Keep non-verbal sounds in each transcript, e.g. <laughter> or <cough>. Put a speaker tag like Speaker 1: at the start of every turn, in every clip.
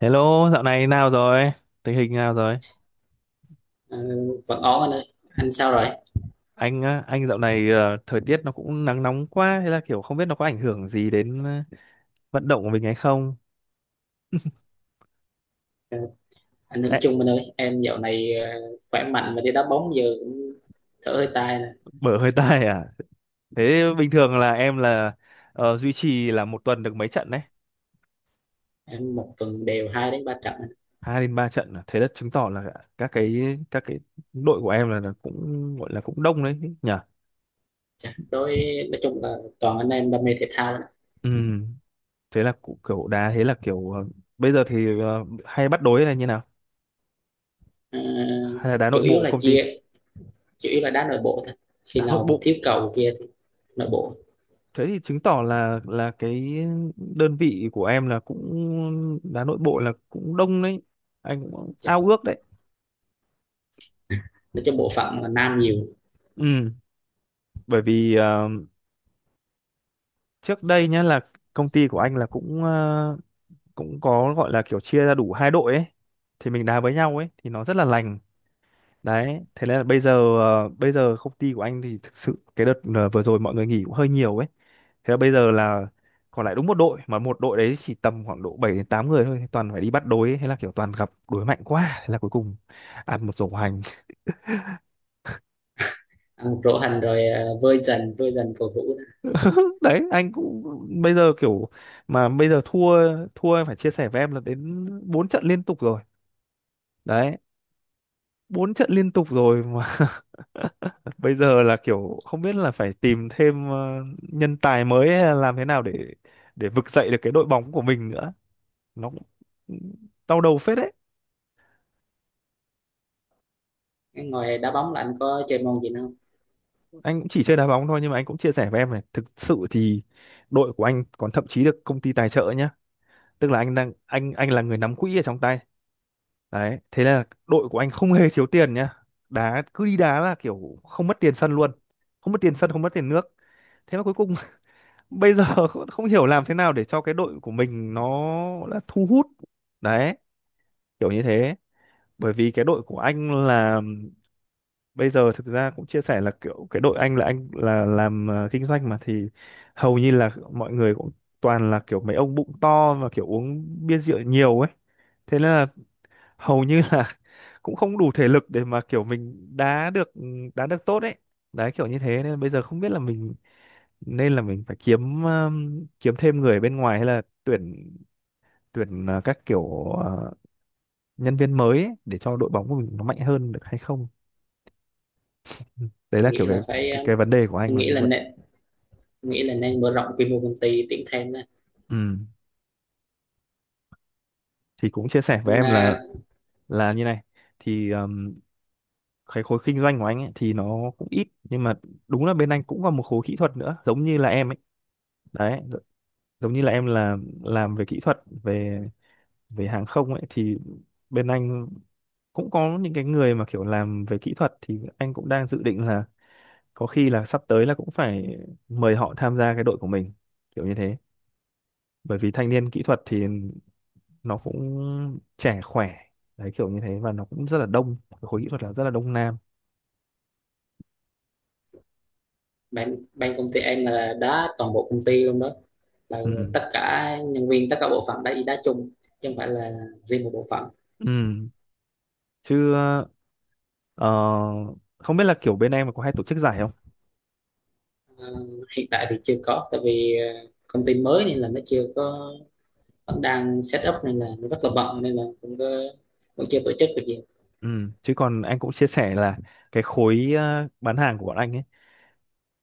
Speaker 1: Hello, dạo này nào rồi? Tình hình nào rồi?
Speaker 2: Ờ, vẫn ổn anh ơi, anh sao rồi
Speaker 1: Anh á, anh dạo này thời tiết nó cũng nắng nóng quá, thế là kiểu không biết nó có ảnh hưởng gì đến vận động của mình hay không?
Speaker 2: anh Hưởng
Speaker 1: Ê,
Speaker 2: Chung? Anh ơi, em dạo này khỏe mạnh mà đi đá bóng giờ cũng thở hơi tai nè.
Speaker 1: bở hơi <laughs> tai à? Thế bình thường là em là duy trì là một tuần được mấy trận đấy?
Speaker 2: Em một tuần đều hai đến ba trận.
Speaker 1: Hai đến ba trận à? Thế là chứng tỏ là các cái các cái đội của em là, cũng gọi là cũng đông đấy nhỉ?
Speaker 2: Chà, đối nói chung là toàn anh em đam mê thể thao nè.
Speaker 1: Ừ, thế là cũng kiểu đá, thế là kiểu bây giờ thì hay bắt đối là như nào?
Speaker 2: Ờ,
Speaker 1: Hay là đá
Speaker 2: chủ
Speaker 1: nội
Speaker 2: yếu
Speaker 1: bộ
Speaker 2: là
Speaker 1: công ty?
Speaker 2: chia chủ yếu là đá nội bộ thôi, khi
Speaker 1: Đá nội
Speaker 2: nào mà
Speaker 1: bộ,
Speaker 2: thiếu cầu kia thì nội bộ.
Speaker 1: thế thì chứng tỏ là cái đơn vị của em là cũng đá nội bộ là cũng đông đấy, anh cũng
Speaker 2: Chà,
Speaker 1: ao ước đấy.
Speaker 2: nói chung bộ phận là nam nhiều.
Speaker 1: Ừ, bởi vì trước đây nhá, là công ty của anh là cũng cũng có gọi là kiểu chia ra đủ hai đội ấy, thì mình đá với nhau ấy thì nó rất là lành. Đấy, thế nên là bây giờ, bây giờ công ty của anh thì thực sự cái đợt vừa rồi mọi người nghỉ cũng hơi nhiều ấy. Thế là bây giờ là còn lại đúng một đội, mà một đội đấy chỉ tầm khoảng độ 7 đến 8 người thôi, toàn phải đi bắt đối ấy. Thế là kiểu toàn gặp đối mạnh quá, thế là cuối cùng ăn một rổ hành.
Speaker 2: Ăn một rổ hành rồi, vơi dần cầu thủ nè.
Speaker 1: <laughs> Đấy, anh cũng bây giờ kiểu, mà bây giờ thua thua em phải chia sẻ với em là đến 4 trận liên tục rồi. Đấy, 4 trận liên tục rồi mà <laughs> bây giờ là kiểu không biết là phải tìm thêm nhân tài mới hay là làm thế nào để vực dậy được cái đội bóng của mình nữa, nó cũng ừ, đau đầu phết đấy.
Speaker 2: Cái ngoài đá bóng là anh có chơi môn gì nữa không?
Speaker 1: Anh cũng chỉ chơi đá bóng thôi nhưng mà anh cũng chia sẻ với em này, thực sự thì đội của anh còn thậm chí được công ty tài trợ nhá, tức là anh đang anh là người nắm quỹ ở trong tay, đấy, thế là đội của anh không hề thiếu tiền nhá, đá cứ đi đá là kiểu không mất tiền sân luôn, không mất tiền sân không mất tiền nước, thế mà cuối cùng bây giờ <laughs> không hiểu làm thế nào để cho cái đội của mình nó là thu hút, đấy, kiểu như thế. Bởi vì cái đội của anh là bây giờ, thực ra cũng chia sẻ là kiểu cái đội anh là làm kinh doanh mà, thì hầu như là mọi người cũng toàn là kiểu mấy ông bụng to và kiểu uống bia rượu nhiều ấy, thế nên là hầu như là <laughs> cũng không đủ thể lực để mà kiểu mình đá được, đá được tốt ấy, đấy kiểu như thế, nên bây giờ không biết là mình nên là mình phải kiếm kiếm thêm người bên ngoài hay là tuyển, tuyển các kiểu, nhân viên mới ấy để cho đội bóng của mình nó mạnh hơn được hay không. Ừ, đấy là kiểu
Speaker 2: Nghĩ
Speaker 1: cái,
Speaker 2: là phải
Speaker 1: cái cái vấn đề của anh
Speaker 2: em
Speaker 1: là như vậy.
Speaker 2: nghĩ là nên mở rộng quy mô công ty, tuyển thêm đó.
Speaker 1: Ừ, thì cũng chia sẻ với
Speaker 2: Anh,
Speaker 1: em là
Speaker 2: à,
Speaker 1: như này thì cái khối kinh doanh của anh ấy thì nó cũng ít, nhưng mà đúng là bên anh cũng có một khối kỹ thuật nữa giống như là em ấy, đấy, giống như là em là làm về kỹ thuật, về về hàng không ấy, thì bên anh cũng có những cái người mà kiểu làm về kỹ thuật, thì anh cũng đang dự định là có khi là sắp tới là cũng phải mời họ tham gia cái đội của mình, kiểu như thế. Bởi vì thanh niên kỹ thuật thì nó cũng trẻ khỏe, đấy kiểu như thế, và nó cũng rất là đông. Cái khối kỹ thuật là rất là đông nam.
Speaker 2: ban công ty em là đá toàn bộ công ty luôn đó, là
Speaker 1: Ừ.
Speaker 2: tất cả nhân viên tất cả bộ phận đã đi đá chung, chứ không phải là riêng một bộ phận.
Speaker 1: Ừ. Chứ ờ, không biết là kiểu bên em có hay tổ chức giải không?
Speaker 2: Ờ, Hiện tại thì chưa có, tại vì công ty mới nên là nó chưa có, vẫn đang set up nên là nó rất là bận, nên là cũng có, vẫn chưa tổ chức được gì.
Speaker 1: Ừ, chứ còn anh cũng chia sẻ là cái khối bán hàng của bọn anh ấy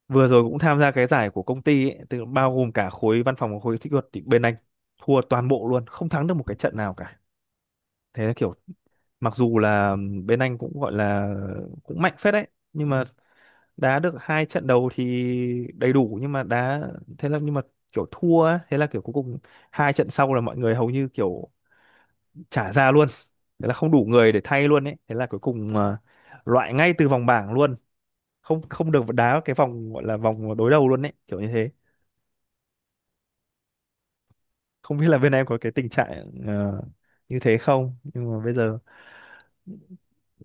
Speaker 1: vừa rồi cũng tham gia cái giải của công ty ấy, tức bao gồm cả khối văn phòng và khối kỹ thuật, thì bên anh thua toàn bộ luôn, không thắng được một cái trận nào cả, thế là kiểu mặc dù là bên anh cũng gọi là cũng mạnh phết đấy, nhưng mà đá được hai trận đầu thì đầy đủ, nhưng mà đá, thế là nhưng mà kiểu thua ấy, thế là kiểu cuối cùng hai trận sau là mọi người hầu như kiểu trả ra luôn, thế là không đủ người để thay luôn ấy, thế là cuối cùng loại ngay từ vòng bảng luôn, không không được đá cái vòng gọi là vòng đối đầu luôn ấy, kiểu như thế. Không biết là bên em có cái tình trạng như thế không, nhưng mà bây giờ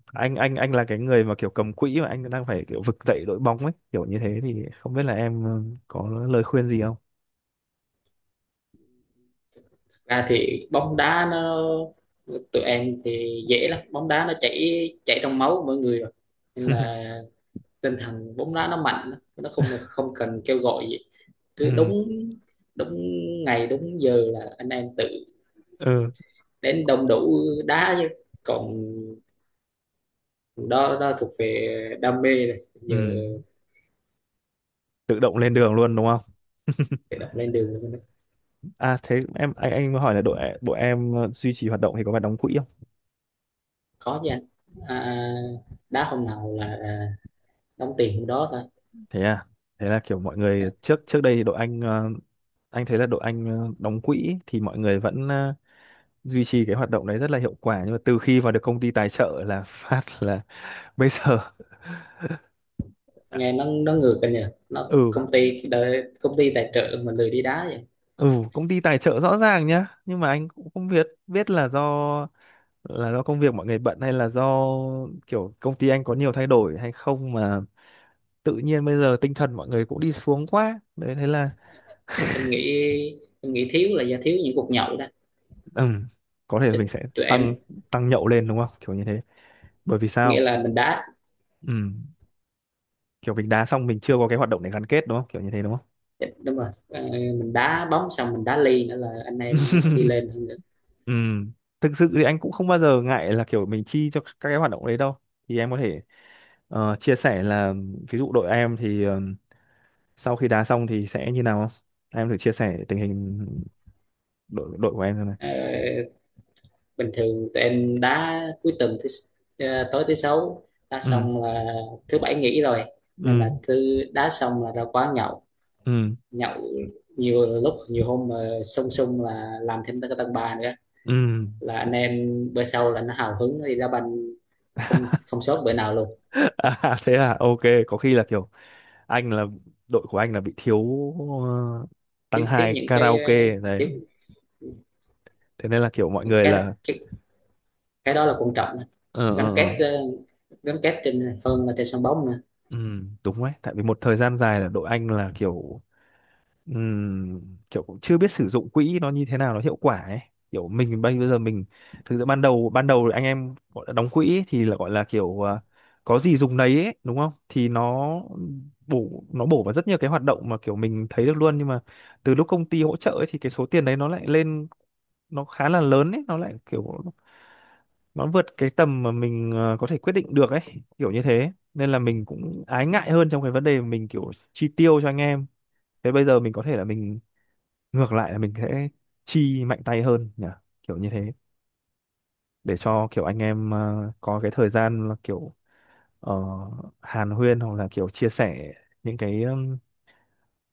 Speaker 1: anh là cái người mà kiểu cầm quỹ, mà anh đang phải kiểu vực dậy đội bóng ấy, kiểu như thế, thì không biết là em có lời khuyên gì không?
Speaker 2: Thật ra thì bóng đá nó tụi em thì dễ lắm, bóng đá nó chảy chảy trong máu của mỗi người rồi, nên là tinh thần bóng đá nó mạnh, nó không không cần kêu gọi gì, cứ
Speaker 1: Ừ.
Speaker 2: đúng đúng ngày đúng giờ là anh em tự
Speaker 1: Ừ.
Speaker 2: đến đông đủ đá chứ. Còn đó đó thuộc về đam mê rồi, giờ
Speaker 1: Ừ. Tự động lên đường luôn đúng không?
Speaker 2: tự động lên đường luôn.
Speaker 1: À thế em, anh mới hỏi là đội đội em duy trì hoạt động thì có phải đóng quỹ không?
Speaker 2: Có chứ anh, à, đá hôm nào là đóng tiền hôm đó thôi.
Speaker 1: Thế à. Thế là kiểu mọi người trước trước đây thì đội anh, anh thấy là đội anh đóng quỹ thì mọi người vẫn duy trì cái hoạt động đấy rất là hiệu quả, nhưng mà từ khi vào được công ty tài trợ là phát là <laughs> bây giờ à,
Speaker 2: Nghe nó ngược anh nhỉ, nó
Speaker 1: ừ.
Speaker 2: công ty đợi, công ty tài trợ mình lười đi đá vậy.
Speaker 1: Ừ, công ty tài trợ rõ ràng nhá, nhưng mà anh cũng không biết biết là do công việc mọi người bận hay là do kiểu công ty anh có nhiều thay đổi hay không mà tự nhiên bây giờ tinh thần mọi người cũng đi xuống quá đấy, thế là
Speaker 2: Em nghĩ em nghĩ thiếu là do thiếu những cuộc nhậu đó,
Speaker 1: ừ, có thể là mình
Speaker 2: chứ
Speaker 1: sẽ
Speaker 2: tụi em
Speaker 1: tăng tăng nhậu lên đúng không, kiểu như thế, bởi vì
Speaker 2: nghĩa
Speaker 1: sao
Speaker 2: là mình đá.
Speaker 1: ừ, kiểu mình đá xong mình chưa có cái hoạt động để gắn kết đúng không, kiểu như thế, đúng không?
Speaker 2: Dạ, đúng rồi. Ờ, mình đá bóng xong mình đá ly nữa là anh em nó đi lên hơn nữa.
Speaker 1: Ừ, thực sự thì anh cũng không bao giờ ngại là kiểu mình chi cho các cái hoạt động đấy đâu. Thì em có thể chia sẻ là ví dụ đội em thì sau khi đá xong thì sẽ như nào không? Em thử chia sẻ tình hình đội đội của em xem này.
Speaker 2: Ờ, Bình thường tụi em đá cuối tuần thứ tối thứ sáu, đá
Speaker 1: Ừ,
Speaker 2: xong là thứ bảy nghỉ rồi, nên
Speaker 1: ừ,
Speaker 2: là cứ đá xong là ra quán nhậu.
Speaker 1: ừ,
Speaker 2: Nhậu nhiều lúc nhiều hôm mà sung sung là làm thêm cái tầng ba nữa,
Speaker 1: ừ.
Speaker 2: là anh em bữa sau là nó hào hứng nó đi đá banh, không không sót bữa nào luôn.
Speaker 1: <laughs> À, thế à, ok, có khi là kiểu anh là đội của anh là bị thiếu ờ, tăng
Speaker 2: Thiếu thiếu
Speaker 1: hai
Speaker 2: những cái
Speaker 1: karaoke đấy.
Speaker 2: thiếu
Speaker 1: Thế nên là kiểu mọi
Speaker 2: cái
Speaker 1: người là
Speaker 2: cái cái đó là quan trọng đó.
Speaker 1: ờ
Speaker 2: Gắn
Speaker 1: ờ ờ.
Speaker 2: kết gắn kết trên hơn là trên sân bóng nữa.
Speaker 1: Ừ, đúng đấy, tại vì một thời gian dài là đội anh là kiểu kiểu cũng chưa biết sử dụng quỹ nó như thế nào nó hiệu quả ấy, kiểu mình bây bây giờ mình thực ra ban đầu anh em gọi là đóng quỹ ấy, thì là gọi là kiểu có gì dùng đấy ấy, đúng không, thì nó bổ vào rất nhiều cái hoạt động mà kiểu mình thấy được luôn, nhưng mà từ lúc công ty hỗ trợ ấy, thì cái số tiền đấy nó lại lên, nó khá là lớn ấy, nó lại kiểu nó vượt cái tầm mà mình có thể quyết định được ấy, kiểu như thế nên là mình cũng ái ngại hơn trong cái vấn đề mà mình kiểu chi tiêu cho anh em. Thế bây giờ mình có thể là mình ngược lại là mình sẽ chi mạnh tay hơn nhỉ, kiểu như thế, để cho kiểu anh em có cái thời gian là kiểu ờ, hàn huyên hoặc là kiểu chia sẻ những cái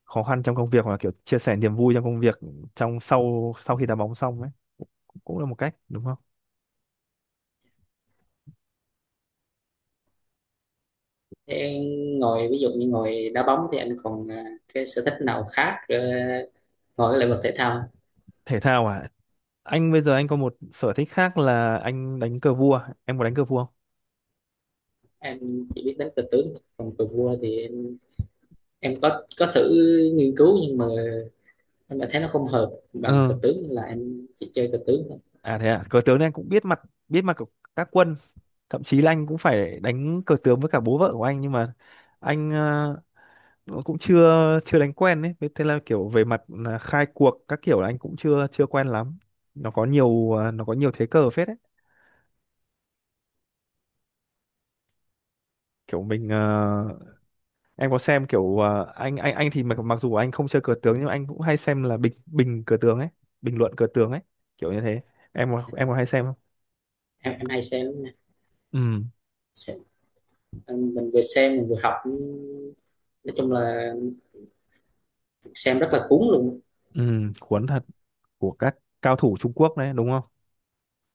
Speaker 1: khó khăn trong công việc hoặc là kiểu chia sẻ niềm vui trong công việc trong sau sau khi đá bóng xong ấy, cũng cũng là một cách đúng không?
Speaker 2: Thế ngồi ví dụ như ngồi đá bóng thì anh còn cái sở thích nào khác ngồi cái lĩnh vực thể thao không?
Speaker 1: Thể thao à? Anh bây giờ anh có một sở thích khác là anh đánh cờ vua, em có đánh cờ vua không?
Speaker 2: Em chỉ biết đánh cờ tướng thôi. Còn cờ vua thì em có thử nghiên cứu nhưng mà em lại thấy nó không hợp
Speaker 1: Ừ.
Speaker 2: bằng cờ tướng, nên là em chỉ chơi cờ tướng thôi.
Speaker 1: À thế à, cờ tướng thì anh cũng biết mặt, biết mặt của các quân, thậm chí là anh cũng phải đánh cờ tướng với cả bố vợ của anh, nhưng mà anh nó cũng chưa chưa đánh quen ấy. Với thế là kiểu về mặt là khai cuộc các kiểu là anh cũng chưa chưa quen lắm, nó có nhiều thế cờ phết ấy, kiểu mình em có xem kiểu anh thì mặc mặc dù anh không chơi cờ tướng nhưng mà anh cũng hay xem là bình bình cờ tướng ấy Bình luận cờ tướng ấy, kiểu như thế. Em có em có hay xem không?
Speaker 2: Em hay xem lắm nha.
Speaker 1: Ừ,
Speaker 2: Xem mình vừa xem mình vừa học, nói chung là xem rất là cuốn luôn.
Speaker 1: ừ, cuốn thật, của các cao thủ Trung Quốc đấy đúng không?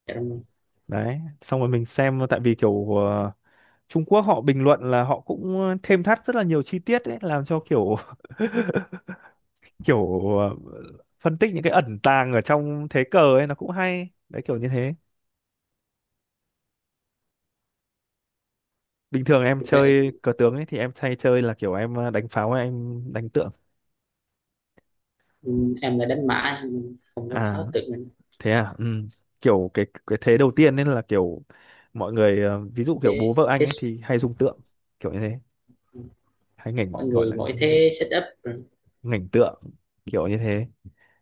Speaker 2: Dạ đúng
Speaker 1: Đấy, xong rồi mình xem tại vì kiểu Trung Quốc họ bình luận là họ cũng thêm thắt rất là nhiều chi tiết ấy, làm cho kiểu <laughs> kiểu phân tích những cái ẩn tàng ở trong thế cờ ấy, nó cũng hay đấy, kiểu như thế. Bình thường em
Speaker 2: rồi.
Speaker 1: chơi cờ tướng ấy thì em hay chơi là kiểu em đánh pháo hay em đánh tượng.
Speaker 2: Ừ, em là đánh mã, em không có
Speaker 1: À
Speaker 2: pháo tự mình.
Speaker 1: thế à, ừ. Kiểu cái thế đầu tiên nên là kiểu mọi người ví dụ kiểu bố
Speaker 2: Thế
Speaker 1: vợ anh
Speaker 2: thế
Speaker 1: ấy thì
Speaker 2: s-
Speaker 1: hay dùng tượng, kiểu như thế, hay
Speaker 2: Mọi
Speaker 1: ngảnh gọi
Speaker 2: người
Speaker 1: là
Speaker 2: mỗi thế setup rồi.
Speaker 1: ngảnh tượng, kiểu như thế.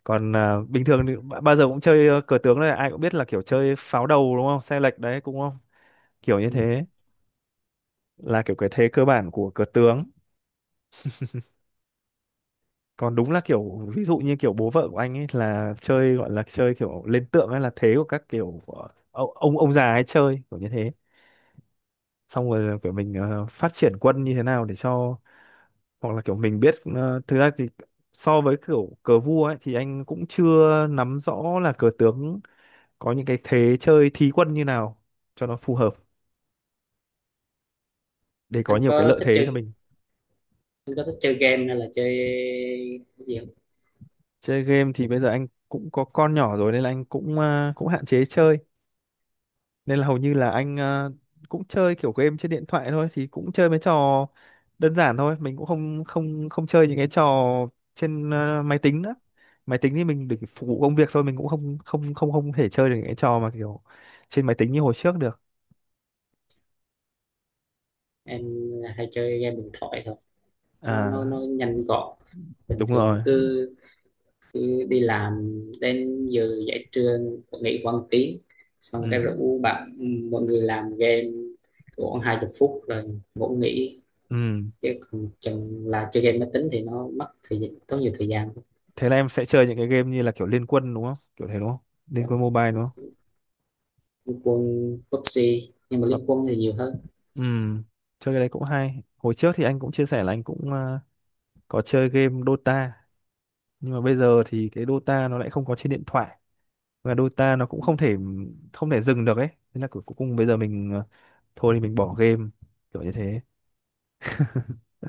Speaker 1: Còn à, bình thường thì bao giờ cũng chơi cờ tướng này ai cũng biết là kiểu chơi pháo đầu đúng không, xe lệch đấy cũng không, kiểu như
Speaker 2: Ừ.
Speaker 1: thế, là kiểu cái thế cơ bản của cờ tướng. Còn đúng là kiểu ví dụ như kiểu bố vợ của anh ấy là chơi, gọi là chơi kiểu lên tượng, hay là thế của các kiểu ông già hay chơi, kiểu như thế. Xong rồi là kiểu mình phát triển quân như thế nào để cho, hoặc là kiểu mình biết ờ, thực ra thì so với kiểu cờ vua ấy thì anh cũng chưa nắm rõ là cờ tướng có những cái thế chơi thí quân như nào cho nó phù hợp, để có
Speaker 2: Anh
Speaker 1: nhiều cái
Speaker 2: có
Speaker 1: lợi
Speaker 2: thích
Speaker 1: thế cho
Speaker 2: chơi
Speaker 1: mình.
Speaker 2: anh có thích chơi game hay là chơi cái gì không?
Speaker 1: Chơi game thì bây giờ anh cũng có con nhỏ rồi nên là anh cũng à, cũng hạn chế chơi, nên là hầu như là anh à, cũng chơi kiểu game trên điện thoại thôi, thì cũng chơi mấy trò đơn giản thôi, mình cũng không không không chơi những cái trò trên à, máy tính nữa. Máy tính thì mình để phục vụ công việc thôi, mình cũng không không thể chơi được những cái trò mà kiểu trên máy tính như hồi trước được.
Speaker 2: Em hay chơi game điện thoại thôi,
Speaker 1: À,
Speaker 2: nó nhanh gọn. Bình
Speaker 1: đúng
Speaker 2: thường
Speaker 1: rồi,
Speaker 2: cứ, cứ đi làm đến giờ giải trưa nghỉ quăng tiếng, xong cái
Speaker 1: ừ,
Speaker 2: rủ bạn mọi người làm game khoảng hai chục phút rồi ngủ nghỉ.
Speaker 1: ừ,
Speaker 2: Chứ còn chừng là chơi game máy tính thì nó mất thời gian, tốn nhiều thời gian.
Speaker 1: thế là em sẽ chơi những cái game như là kiểu Liên Quân đúng không, kiểu thế đúng không, Liên Quân Mobile đúng không?
Speaker 2: Liên quân, PUBG, nhưng mà Liên quân thì nhiều hơn.
Speaker 1: Ừ, chơi cái đấy cũng hay. Hồi trước thì anh cũng chia sẻ là anh cũng có chơi game Dota, nhưng mà bây giờ thì cái Dota nó lại không có trên điện thoại, và Dota nó cũng không thể không thể dừng được ấy. Thế là cuối cuối cùng bây giờ mình thôi thì mình bỏ game, kiểu như thế.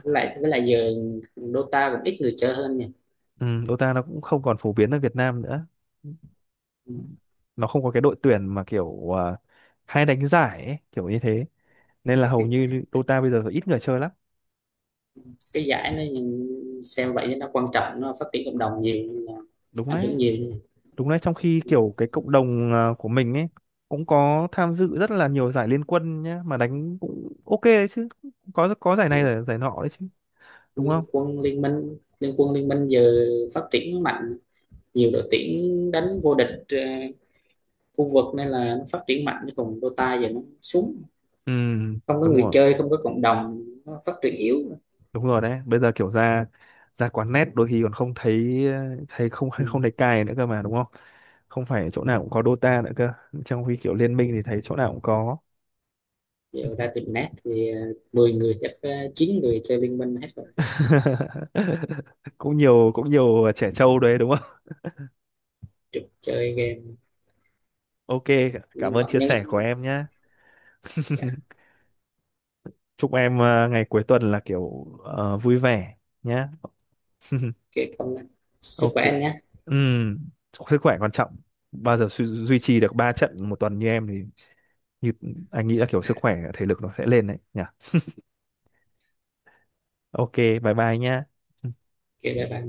Speaker 2: Với lại giờ Dota cũng ít người chơi hơn nha.
Speaker 1: Ừ, Dota nó cũng không còn phổ biến ở Việt Nam nữa. Nó không có cái đội tuyển mà kiểu hay đánh giải ấy, kiểu như thế. Nên là
Speaker 2: cái
Speaker 1: hầu
Speaker 2: cái,
Speaker 1: như Dota bây giờ ít người chơi lắm.
Speaker 2: cái giải nó xem vậy nó quan trọng, nó phát triển cộng đồng nhiều nên là
Speaker 1: Đúng
Speaker 2: ảnh
Speaker 1: đấy.
Speaker 2: hưởng nhiều nên
Speaker 1: Đúng đấy, trong khi
Speaker 2: Ừ.
Speaker 1: kiểu cái cộng đồng à, của mình ấy cũng có tham dự rất là nhiều giải Liên Quân nhá, mà đánh cũng ok đấy chứ. Có giải này là giải nọ đấy chứ, đúng
Speaker 2: Liên
Speaker 1: không?
Speaker 2: quân Liên minh, Liên quân Liên minh giờ phát triển mạnh, nhiều đội tuyển đánh vô địch khu vực, nên là nó phát triển mạnh. Chứ còn Dota giờ nó xuống,
Speaker 1: Ừ,
Speaker 2: không có
Speaker 1: đúng
Speaker 2: người
Speaker 1: rồi,
Speaker 2: chơi, không có cộng đồng, nó phát triển yếu.
Speaker 1: đúng rồi đấy. Bây giờ kiểu ra ra quán net đôi khi còn không thấy, thấy không
Speaker 2: Ừ.
Speaker 1: không thấy cài nữa cơ mà đúng không? Không phải chỗ nào cũng có Dota nữa cơ. Trong khi kiểu liên minh thì thấy chỗ nào cũng có.
Speaker 2: Giờ ra tìm nét thì mười người chắc chín người chơi Liên Minh hết rồi.
Speaker 1: <laughs> Cũng nhiều trẻ trâu đấy đúng không? <laughs>
Speaker 2: Trực chơi game.
Speaker 1: Ok, cảm
Speaker 2: Nhưng
Speaker 1: ơn
Speaker 2: mà
Speaker 1: chia
Speaker 2: nhân
Speaker 1: sẻ của em nhé.
Speaker 2: dạ,
Speaker 1: Chúc em ngày cuối tuần là vui vẻ nhé.
Speaker 2: kệ công, sức
Speaker 1: Ok.
Speaker 2: khỏe anh nhé.
Speaker 1: Ừm, sức khỏe quan trọng, bao giờ duy trì được 3 trận một tuần như em thì, như anh nghĩ là kiểu sức khỏe thể lực nó sẽ lên đấy nhỉ. Ok, bye bye nhé.
Speaker 2: Kệ bye.